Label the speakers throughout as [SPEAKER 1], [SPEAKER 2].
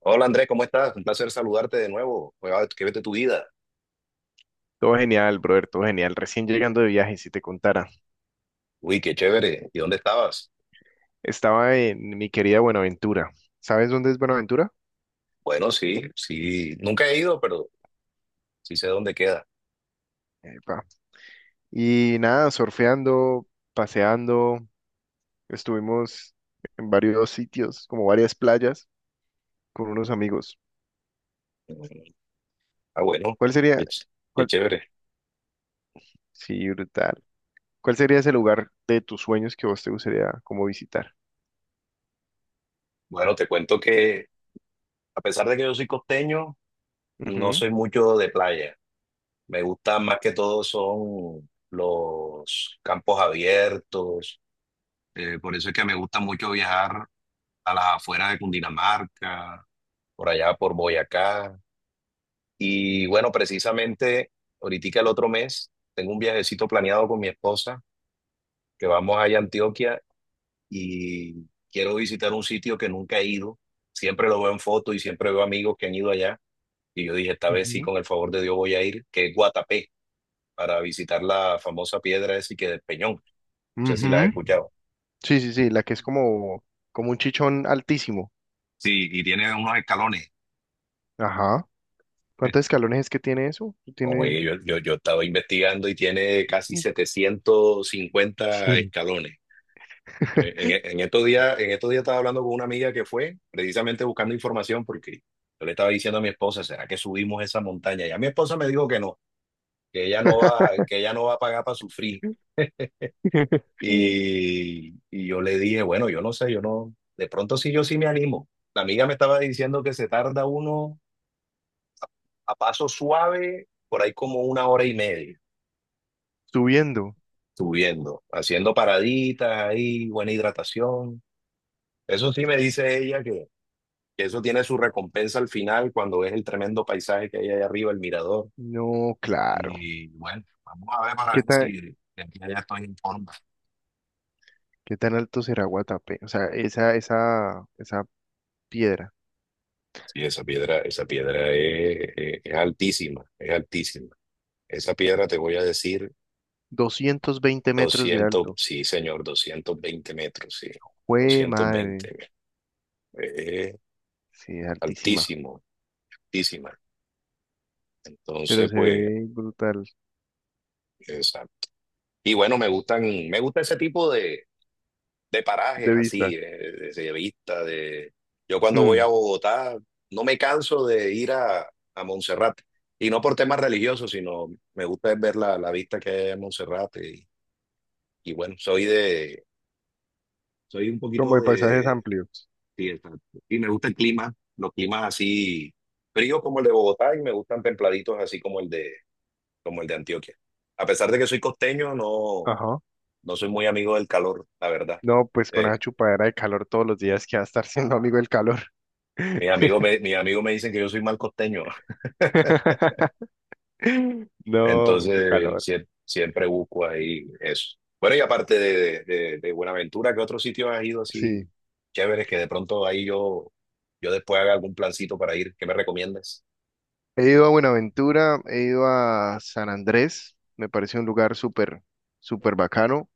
[SPEAKER 1] Hola Andrés, ¿cómo estás? Un placer saludarte de nuevo. Oiga, ¿qué vete tu vida?
[SPEAKER 2] Todo genial, brother, todo genial. Recién llegando de viaje, si te contara.
[SPEAKER 1] Uy, qué chévere. ¿Y dónde estabas?
[SPEAKER 2] Estaba en mi querida Buenaventura. ¿Sabes dónde es Buenaventura?
[SPEAKER 1] Bueno, sí, sí, nunca he ido, pero sí sé dónde queda.
[SPEAKER 2] Epa. Y nada, surfeando, paseando. Estuvimos en varios sitios, como varias playas, con unos amigos.
[SPEAKER 1] Mm, ah, bueno,
[SPEAKER 2] ¿Cuál sería?
[SPEAKER 1] qué, ch- qué
[SPEAKER 2] cuál-
[SPEAKER 1] chévere.
[SPEAKER 2] Sí, brutal. ¿Cuál sería ese lugar de tus sueños que vos te gustaría como visitar?
[SPEAKER 1] Bueno, te cuento que a pesar de que yo soy costeño, no
[SPEAKER 2] Ujú,
[SPEAKER 1] soy mucho de playa. Me gustan más que todo son los campos abiertos. Por eso es que me gusta mucho viajar a las afueras de Cundinamarca, por allá por Boyacá. Y bueno, precisamente ahorita el otro mes tengo un viajecito planeado con mi esposa, que vamos allá a Antioquia y quiero visitar un sitio que nunca he ido. Siempre lo veo en fotos y siempre veo amigos que han ido allá. Y yo dije, esta vez sí,
[SPEAKER 2] ujú,
[SPEAKER 1] con el favor de Dios voy a ir, que es Guatapé, para visitar la famosa piedra esa que del Peñón. No sé si
[SPEAKER 2] ujú.
[SPEAKER 1] la has escuchado.
[SPEAKER 2] Sí, sí, sí, la que es como un chichón altísimo.
[SPEAKER 1] Sí, y tiene unos escalones.
[SPEAKER 2] Ajá. ¿Cuántos escalones es que tiene eso? Tiene.
[SPEAKER 1] Oye, yo estaba investigando y tiene casi 750
[SPEAKER 2] Sí.
[SPEAKER 1] escalones. En estos días, en estos días estaba hablando con una amiga que fue precisamente buscando información porque yo le estaba diciendo a mi esposa, ¿será que subimos esa montaña? Y a mi esposa me dijo que no, que ella no va, que ella no va a pagar para sufrir. Y yo le dije, bueno, yo no sé, yo no, de pronto sí, yo sí me animo. La amiga me estaba diciendo que se tarda uno a paso suave, por ahí como una hora y media,
[SPEAKER 2] Subiendo.
[SPEAKER 1] subiendo, haciendo paraditas ahí, buena hidratación. Eso sí me dice ella que eso tiene su recompensa al final cuando ves el tremendo paisaje que hay ahí arriba, el mirador.
[SPEAKER 2] No, claro.
[SPEAKER 1] Y bueno, vamos a ver para
[SPEAKER 2] ¿Qué
[SPEAKER 1] ver si
[SPEAKER 2] tan,
[SPEAKER 1] de aquí a allá estoy en forma.
[SPEAKER 2] ¿Qué tan alto será Guatapé? O sea, esa piedra.
[SPEAKER 1] Sí, esa piedra es altísima, es altísima. Esa piedra te voy a decir
[SPEAKER 2] 220 metros de
[SPEAKER 1] doscientos,
[SPEAKER 2] alto.
[SPEAKER 1] sí señor, 220 metros, sí,
[SPEAKER 2] ¡Jue
[SPEAKER 1] doscientos
[SPEAKER 2] madre!
[SPEAKER 1] veinte es
[SPEAKER 2] Sí, es altísima.
[SPEAKER 1] altísimo, altísima.
[SPEAKER 2] Pero
[SPEAKER 1] Entonces,
[SPEAKER 2] se
[SPEAKER 1] pues,
[SPEAKER 2] ve brutal.
[SPEAKER 1] esa. Y bueno, me gusta ese tipo de parajes
[SPEAKER 2] De vista.
[SPEAKER 1] así, de vista de. Yo cuando voy a
[SPEAKER 2] Mm.
[SPEAKER 1] Bogotá no me canso de a Monserrate, y no por temas religiosos, sino me gusta ver la vista que hay en Monserrate, y bueno, soy de. Soy un
[SPEAKER 2] Como
[SPEAKER 1] poquito
[SPEAKER 2] de paisajes
[SPEAKER 1] de.
[SPEAKER 2] amplios.
[SPEAKER 1] Sí, exacto. Y me gusta el clima, los climas así fríos como el de Bogotá, y me gustan templaditos así como el de Antioquia. A pesar de que soy costeño, no,
[SPEAKER 2] Ajá.
[SPEAKER 1] no soy muy amigo del calor, la verdad.
[SPEAKER 2] No, pues con esa
[SPEAKER 1] eh,
[SPEAKER 2] chupadera de calor todos los días que va a estar siendo amigo del calor.
[SPEAKER 1] Mis amigos me dicen que yo soy mal costeño,
[SPEAKER 2] No, mucho
[SPEAKER 1] entonces
[SPEAKER 2] calor.
[SPEAKER 1] siempre busco ahí eso. Bueno, y aparte de Buenaventura, ¿qué otros sitios has ido así
[SPEAKER 2] Sí.
[SPEAKER 1] chéveres que de pronto ahí yo después haga algún plancito para ir? ¿Qué me recomiendas?
[SPEAKER 2] He ido a Buenaventura, he ido a San Andrés, me parece un lugar súper, súper bacano,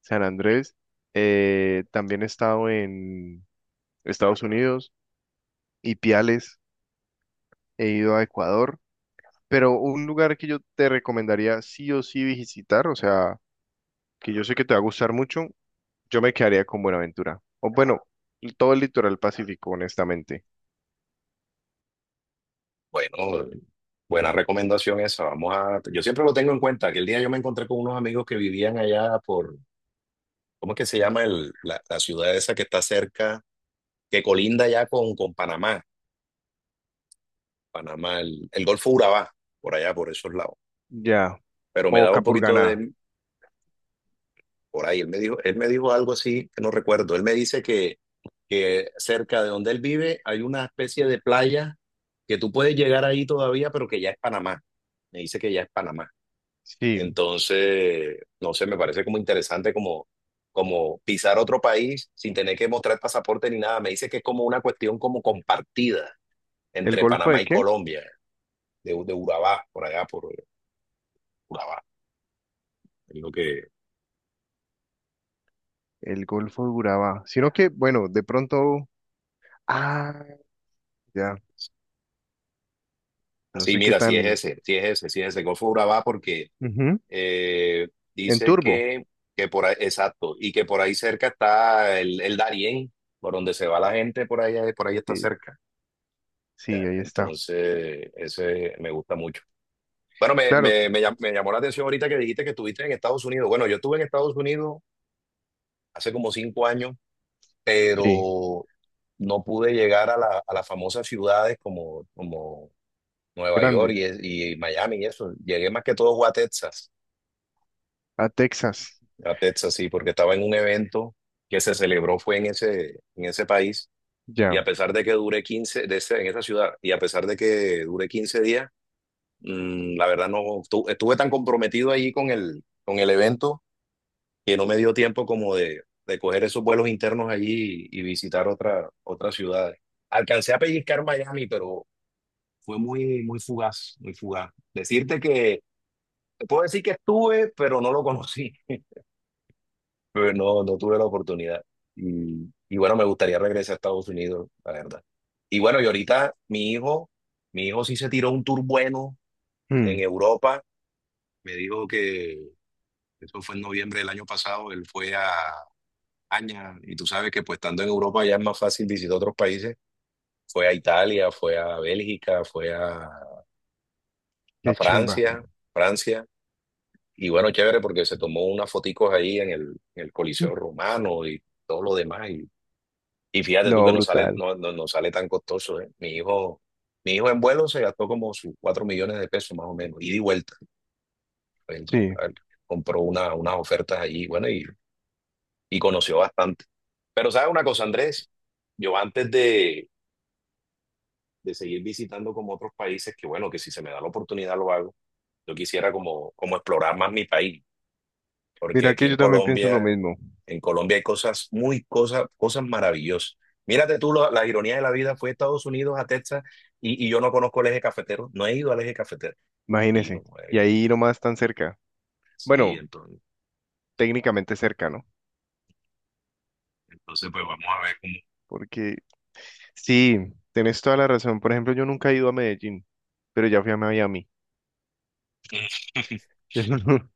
[SPEAKER 2] San Andrés. También he estado en Estados Unidos y Piales, he ido a Ecuador, pero un lugar que yo te recomendaría sí o sí visitar, o sea, que yo sé que te va a gustar mucho, yo me quedaría con Buenaventura. O bueno, todo el litoral pacífico, honestamente.
[SPEAKER 1] Bueno, buena recomendación esa. Vamos a, yo siempre lo tengo en cuenta. Que el día yo me encontré con unos amigos que vivían allá por, ¿cómo es que se llama la ciudad esa que está cerca, que colinda ya con Panamá, Panamá, el Golfo Urabá, por allá, por esos lados.
[SPEAKER 2] Ya,
[SPEAKER 1] Pero me
[SPEAKER 2] o
[SPEAKER 1] daba un poquito
[SPEAKER 2] Capurganá.
[SPEAKER 1] de por ahí. Él me dijo algo así que no recuerdo. Él me dice que cerca de donde él vive hay una especie de playa que tú puedes llegar ahí todavía, pero que ya es Panamá. Me dice que ya es Panamá.
[SPEAKER 2] Sí,
[SPEAKER 1] Entonces, no sé, me parece como interesante como, como pisar otro país sin tener que mostrar pasaporte ni nada. Me dice que es como una cuestión como compartida
[SPEAKER 2] ¿el
[SPEAKER 1] entre
[SPEAKER 2] Golfo
[SPEAKER 1] Panamá
[SPEAKER 2] de
[SPEAKER 1] y
[SPEAKER 2] qué?
[SPEAKER 1] Colombia, de Urabá, por allá, por Urabá, es lo que.
[SPEAKER 2] El Golfo de Urabá. Sino que, bueno, de pronto. Ah, ya. No
[SPEAKER 1] Sí,
[SPEAKER 2] sé qué
[SPEAKER 1] mira, sí
[SPEAKER 2] tan.
[SPEAKER 1] es ese, sí es ese, sí es ese. Golfo Urabá porque
[SPEAKER 2] Ujú.
[SPEAKER 1] eh,
[SPEAKER 2] En
[SPEAKER 1] dice
[SPEAKER 2] turbo.
[SPEAKER 1] que por ahí, exacto, y que por ahí cerca está el Darién, por donde se va la gente, por ahí está
[SPEAKER 2] Sí,
[SPEAKER 1] cerca.
[SPEAKER 2] sí,
[SPEAKER 1] Ya,
[SPEAKER 2] ahí está.
[SPEAKER 1] entonces, ese me gusta mucho. Bueno,
[SPEAKER 2] Claro,
[SPEAKER 1] me llamó la atención ahorita que dijiste que estuviste en Estados Unidos. Bueno, yo estuve en Estados Unidos hace como cinco años,
[SPEAKER 2] sí.
[SPEAKER 1] pero no pude llegar a las famosas ciudades como, como Nueva York
[SPEAKER 2] Grandes.
[SPEAKER 1] y Miami y eso. Llegué más que todo fue a Texas.
[SPEAKER 2] A Texas.
[SPEAKER 1] A Texas, sí, porque estaba en un evento que se celebró, fue en ese país, y a
[SPEAKER 2] Ya.
[SPEAKER 1] pesar de que dure 15 de ese- en esa ciudad, y a pesar de que dure 15 días, mm, la verdad no, estuve tan comprometido ahí con el evento que no me dio tiempo como de coger esos vuelos internos allí y visitar otras ciudades. Alcancé a pellizcar Miami, pero fue muy, muy fugaz, muy fugaz. Decirte que, te puedo decir que estuve, pero no lo conocí. Pero no, no tuve la oportunidad. Y bueno, me gustaría regresar a Estados Unidos, la verdad. Y bueno, y ahorita mi hijo sí se tiró un tour bueno en
[SPEAKER 2] Mm,
[SPEAKER 1] Europa. Me dijo que eso fue en noviembre del año pasado. Él fue a España y tú sabes que pues estando en Europa ya es más fácil visitar otros países. Fue a Italia, fue a Bélgica, a
[SPEAKER 2] qué chimba.
[SPEAKER 1] Francia, Francia. Y bueno, chévere porque se tomó unas foticos ahí en en el
[SPEAKER 2] Mm.
[SPEAKER 1] Coliseo Romano y todo lo demás. Y fíjate tú
[SPEAKER 2] No,
[SPEAKER 1] que
[SPEAKER 2] brutal.
[SPEAKER 1] no sale tan costoso, ¿eh? Mi hijo en vuelo se gastó como sus 4 millones de pesos más o menos, ida y vuelta. Él co-
[SPEAKER 2] Sí.
[SPEAKER 1] él compró unas ofertas allí, bueno, y conoció bastante. Pero ¿sabes una cosa, Andrés? Yo antes de seguir visitando como otros países, que bueno, que si se me da la oportunidad lo hago, yo quisiera como, como explorar más mi país. Porque
[SPEAKER 2] Mira
[SPEAKER 1] aquí
[SPEAKER 2] que yo también pienso lo mismo.
[SPEAKER 1] En Colombia hay cosas cosas maravillosas. Mírate tú, ironía de la vida fue a Estados Unidos, a Texas, y yo no conozco el eje cafetero, no he ido al eje cafetero. Y no,
[SPEAKER 2] Imagínese. Y
[SPEAKER 1] eh,
[SPEAKER 2] ahí nomás tan cerca.
[SPEAKER 1] sí,
[SPEAKER 2] Bueno,
[SPEAKER 1] entonces,
[SPEAKER 2] técnicamente cerca, ¿no?
[SPEAKER 1] entonces pues vamos a ver cómo.
[SPEAKER 2] Porque sí, tenés toda la razón. Por ejemplo, yo nunca he ido a Medellín, pero ya fui a Miami.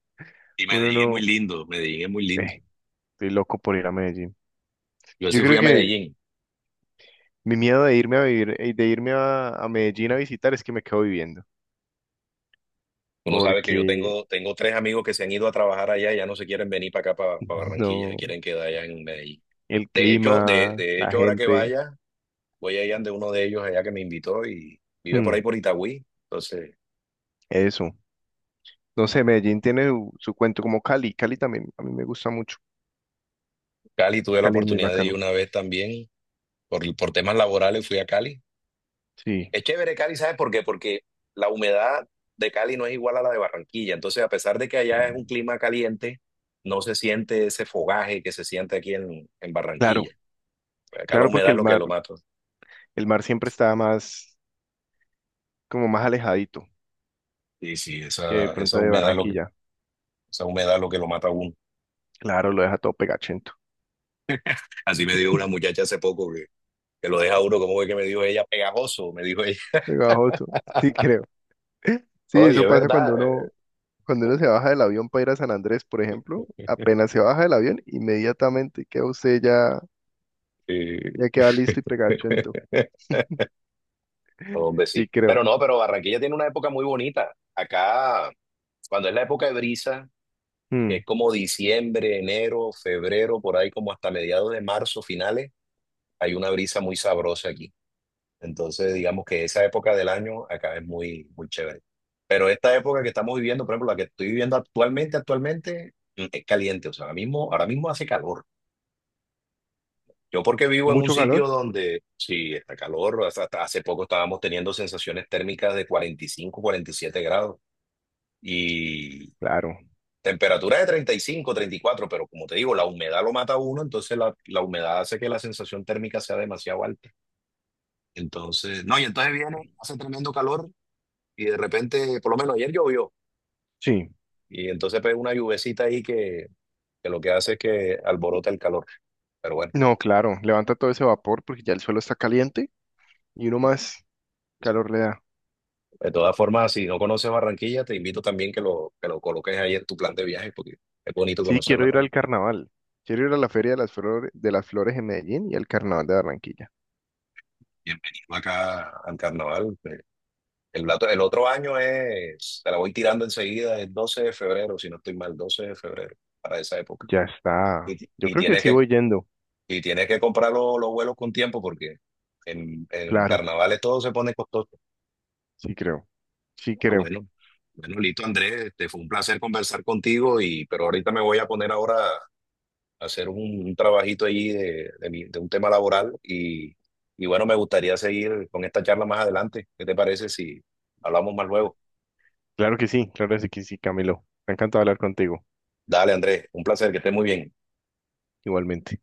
[SPEAKER 1] Y
[SPEAKER 2] Uno
[SPEAKER 1] Medellín es muy
[SPEAKER 2] no.
[SPEAKER 1] lindo, Medellín es muy lindo.
[SPEAKER 2] eh, Estoy loco por ir a Medellín.
[SPEAKER 1] Yo
[SPEAKER 2] Yo
[SPEAKER 1] sí fui
[SPEAKER 2] creo
[SPEAKER 1] a
[SPEAKER 2] que
[SPEAKER 1] Medellín.
[SPEAKER 2] mi miedo de irme a vivir, de irme a Medellín a visitar es que me quedo viviendo.
[SPEAKER 1] Uno sabe que
[SPEAKER 2] Porque
[SPEAKER 1] tengo tres amigos que se han ido a trabajar allá y ya no se quieren venir para acá, para Barranquilla, se
[SPEAKER 2] no,
[SPEAKER 1] quieren quedar allá en Medellín.
[SPEAKER 2] el
[SPEAKER 1] De hecho,
[SPEAKER 2] clima,
[SPEAKER 1] de
[SPEAKER 2] la
[SPEAKER 1] hecho, ahora que
[SPEAKER 2] gente,
[SPEAKER 1] vaya, voy a ir de uno de ellos allá que me invitó y vive por
[SPEAKER 2] mm,
[SPEAKER 1] ahí por Itagüí. Entonces,
[SPEAKER 2] eso. No sé, Medellín tiene su cuento como Cali. Cali también, a mí me gusta mucho.
[SPEAKER 1] Cali tuve la
[SPEAKER 2] Cali es muy
[SPEAKER 1] oportunidad de ir
[SPEAKER 2] bacano.
[SPEAKER 1] una vez también, por temas laborales fui a Cali.
[SPEAKER 2] Sí,
[SPEAKER 1] Es chévere Cali, ¿sabes por qué? Porque la humedad de Cali no es igual a la de Barranquilla. Entonces, a pesar de que allá es un clima caliente, no se siente ese fogaje que se siente aquí en
[SPEAKER 2] claro,
[SPEAKER 1] Barranquilla. Acá la
[SPEAKER 2] claro porque
[SPEAKER 1] humedad es lo que lo mata.
[SPEAKER 2] el mar siempre está como más alejadito
[SPEAKER 1] Sí, sí,
[SPEAKER 2] que de
[SPEAKER 1] esa
[SPEAKER 2] pronto de
[SPEAKER 1] humedad es lo que,
[SPEAKER 2] Barranquilla.
[SPEAKER 1] esa humedad es lo que lo mata a uno.
[SPEAKER 2] Claro, lo deja todo pegachento,
[SPEAKER 1] Así me dijo una muchacha hace poco que lo deja a uno, como que me dijo ella, pegajoso, me dijo
[SPEAKER 2] pegajoso. Sí, creo. Sí,
[SPEAKER 1] oye,
[SPEAKER 2] eso
[SPEAKER 1] es
[SPEAKER 2] pasa
[SPEAKER 1] verdad.
[SPEAKER 2] cuando uno se baja del avión para ir a San Andrés, por ejemplo, apenas se baja del avión, inmediatamente queda usted ya,
[SPEAKER 1] Eh,
[SPEAKER 2] ya queda listo y pegachento.
[SPEAKER 1] hombre,
[SPEAKER 2] Sí,
[SPEAKER 1] sí.
[SPEAKER 2] creo.
[SPEAKER 1] Pero no, pero Barranquilla tiene una época muy bonita. Acá, cuando es la época de brisa, que
[SPEAKER 2] Mm.
[SPEAKER 1] es como diciembre, enero, febrero, por ahí como hasta mediados de marzo, finales, hay una brisa muy sabrosa aquí. Entonces, digamos que esa época del año acá es muy, muy chévere. Pero esta época que estamos viviendo, por ejemplo, la que estoy viviendo actualmente, mm, es caliente. O sea, ahora mismo hace calor. Yo porque vivo en un
[SPEAKER 2] ¿Mucho calor?
[SPEAKER 1] sitio donde sí está calor, hasta hace poco estábamos teniendo sensaciones térmicas de 45, 47 grados y
[SPEAKER 2] Claro.
[SPEAKER 1] temperatura de 35, 34, pero como te digo, la humedad lo mata a uno, entonces la humedad hace que la sensación térmica sea demasiado alta. Entonces, no, y entonces viene, hace tremendo calor y de repente, por lo menos ayer llovió
[SPEAKER 2] Sí.
[SPEAKER 1] y entonces pega una lluvecita ahí que lo que hace es que alborota el calor. Pero bueno.
[SPEAKER 2] No, claro. Levanta todo ese vapor porque ya el suelo está caliente y uno más calor le da.
[SPEAKER 1] De todas formas, si no conoces Barranquilla, te invito también que lo coloques ahí en tu plan de viaje, porque es bonito
[SPEAKER 2] Sí,
[SPEAKER 1] conocerla
[SPEAKER 2] quiero ir al
[SPEAKER 1] también.
[SPEAKER 2] carnaval. Quiero ir a la Feria de las Flores en Medellín y al Carnaval de Barranquilla.
[SPEAKER 1] Bienvenido acá al carnaval. El otro año es, te la voy tirando enseguida, el 12 de febrero, si no estoy mal, 12 de febrero, para esa época.
[SPEAKER 2] Ya está.
[SPEAKER 1] Y, ti-
[SPEAKER 2] Yo
[SPEAKER 1] y
[SPEAKER 2] creo que
[SPEAKER 1] tienes
[SPEAKER 2] sí
[SPEAKER 1] que,
[SPEAKER 2] voy yendo.
[SPEAKER 1] y tienes que comprar los vuelos con tiempo, porque en
[SPEAKER 2] Claro.
[SPEAKER 1] carnavales todo se pone costoso.
[SPEAKER 2] Sí, creo. Sí,
[SPEAKER 1] Ah,
[SPEAKER 2] creo.
[SPEAKER 1] bueno. Bueno, listo, Andrés, este, fue un placer conversar contigo, y, pero ahorita me voy a poner ahora hacer un trabajito allí de un tema laboral y bueno, me gustaría seguir con esta charla más adelante. ¿Qué te parece si hablamos más luego?
[SPEAKER 2] Claro que sí. Claro que sí, Camilo. Me ha encantado hablar contigo.
[SPEAKER 1] Dale, Andrés, un placer, que estés muy bien.
[SPEAKER 2] Igualmente.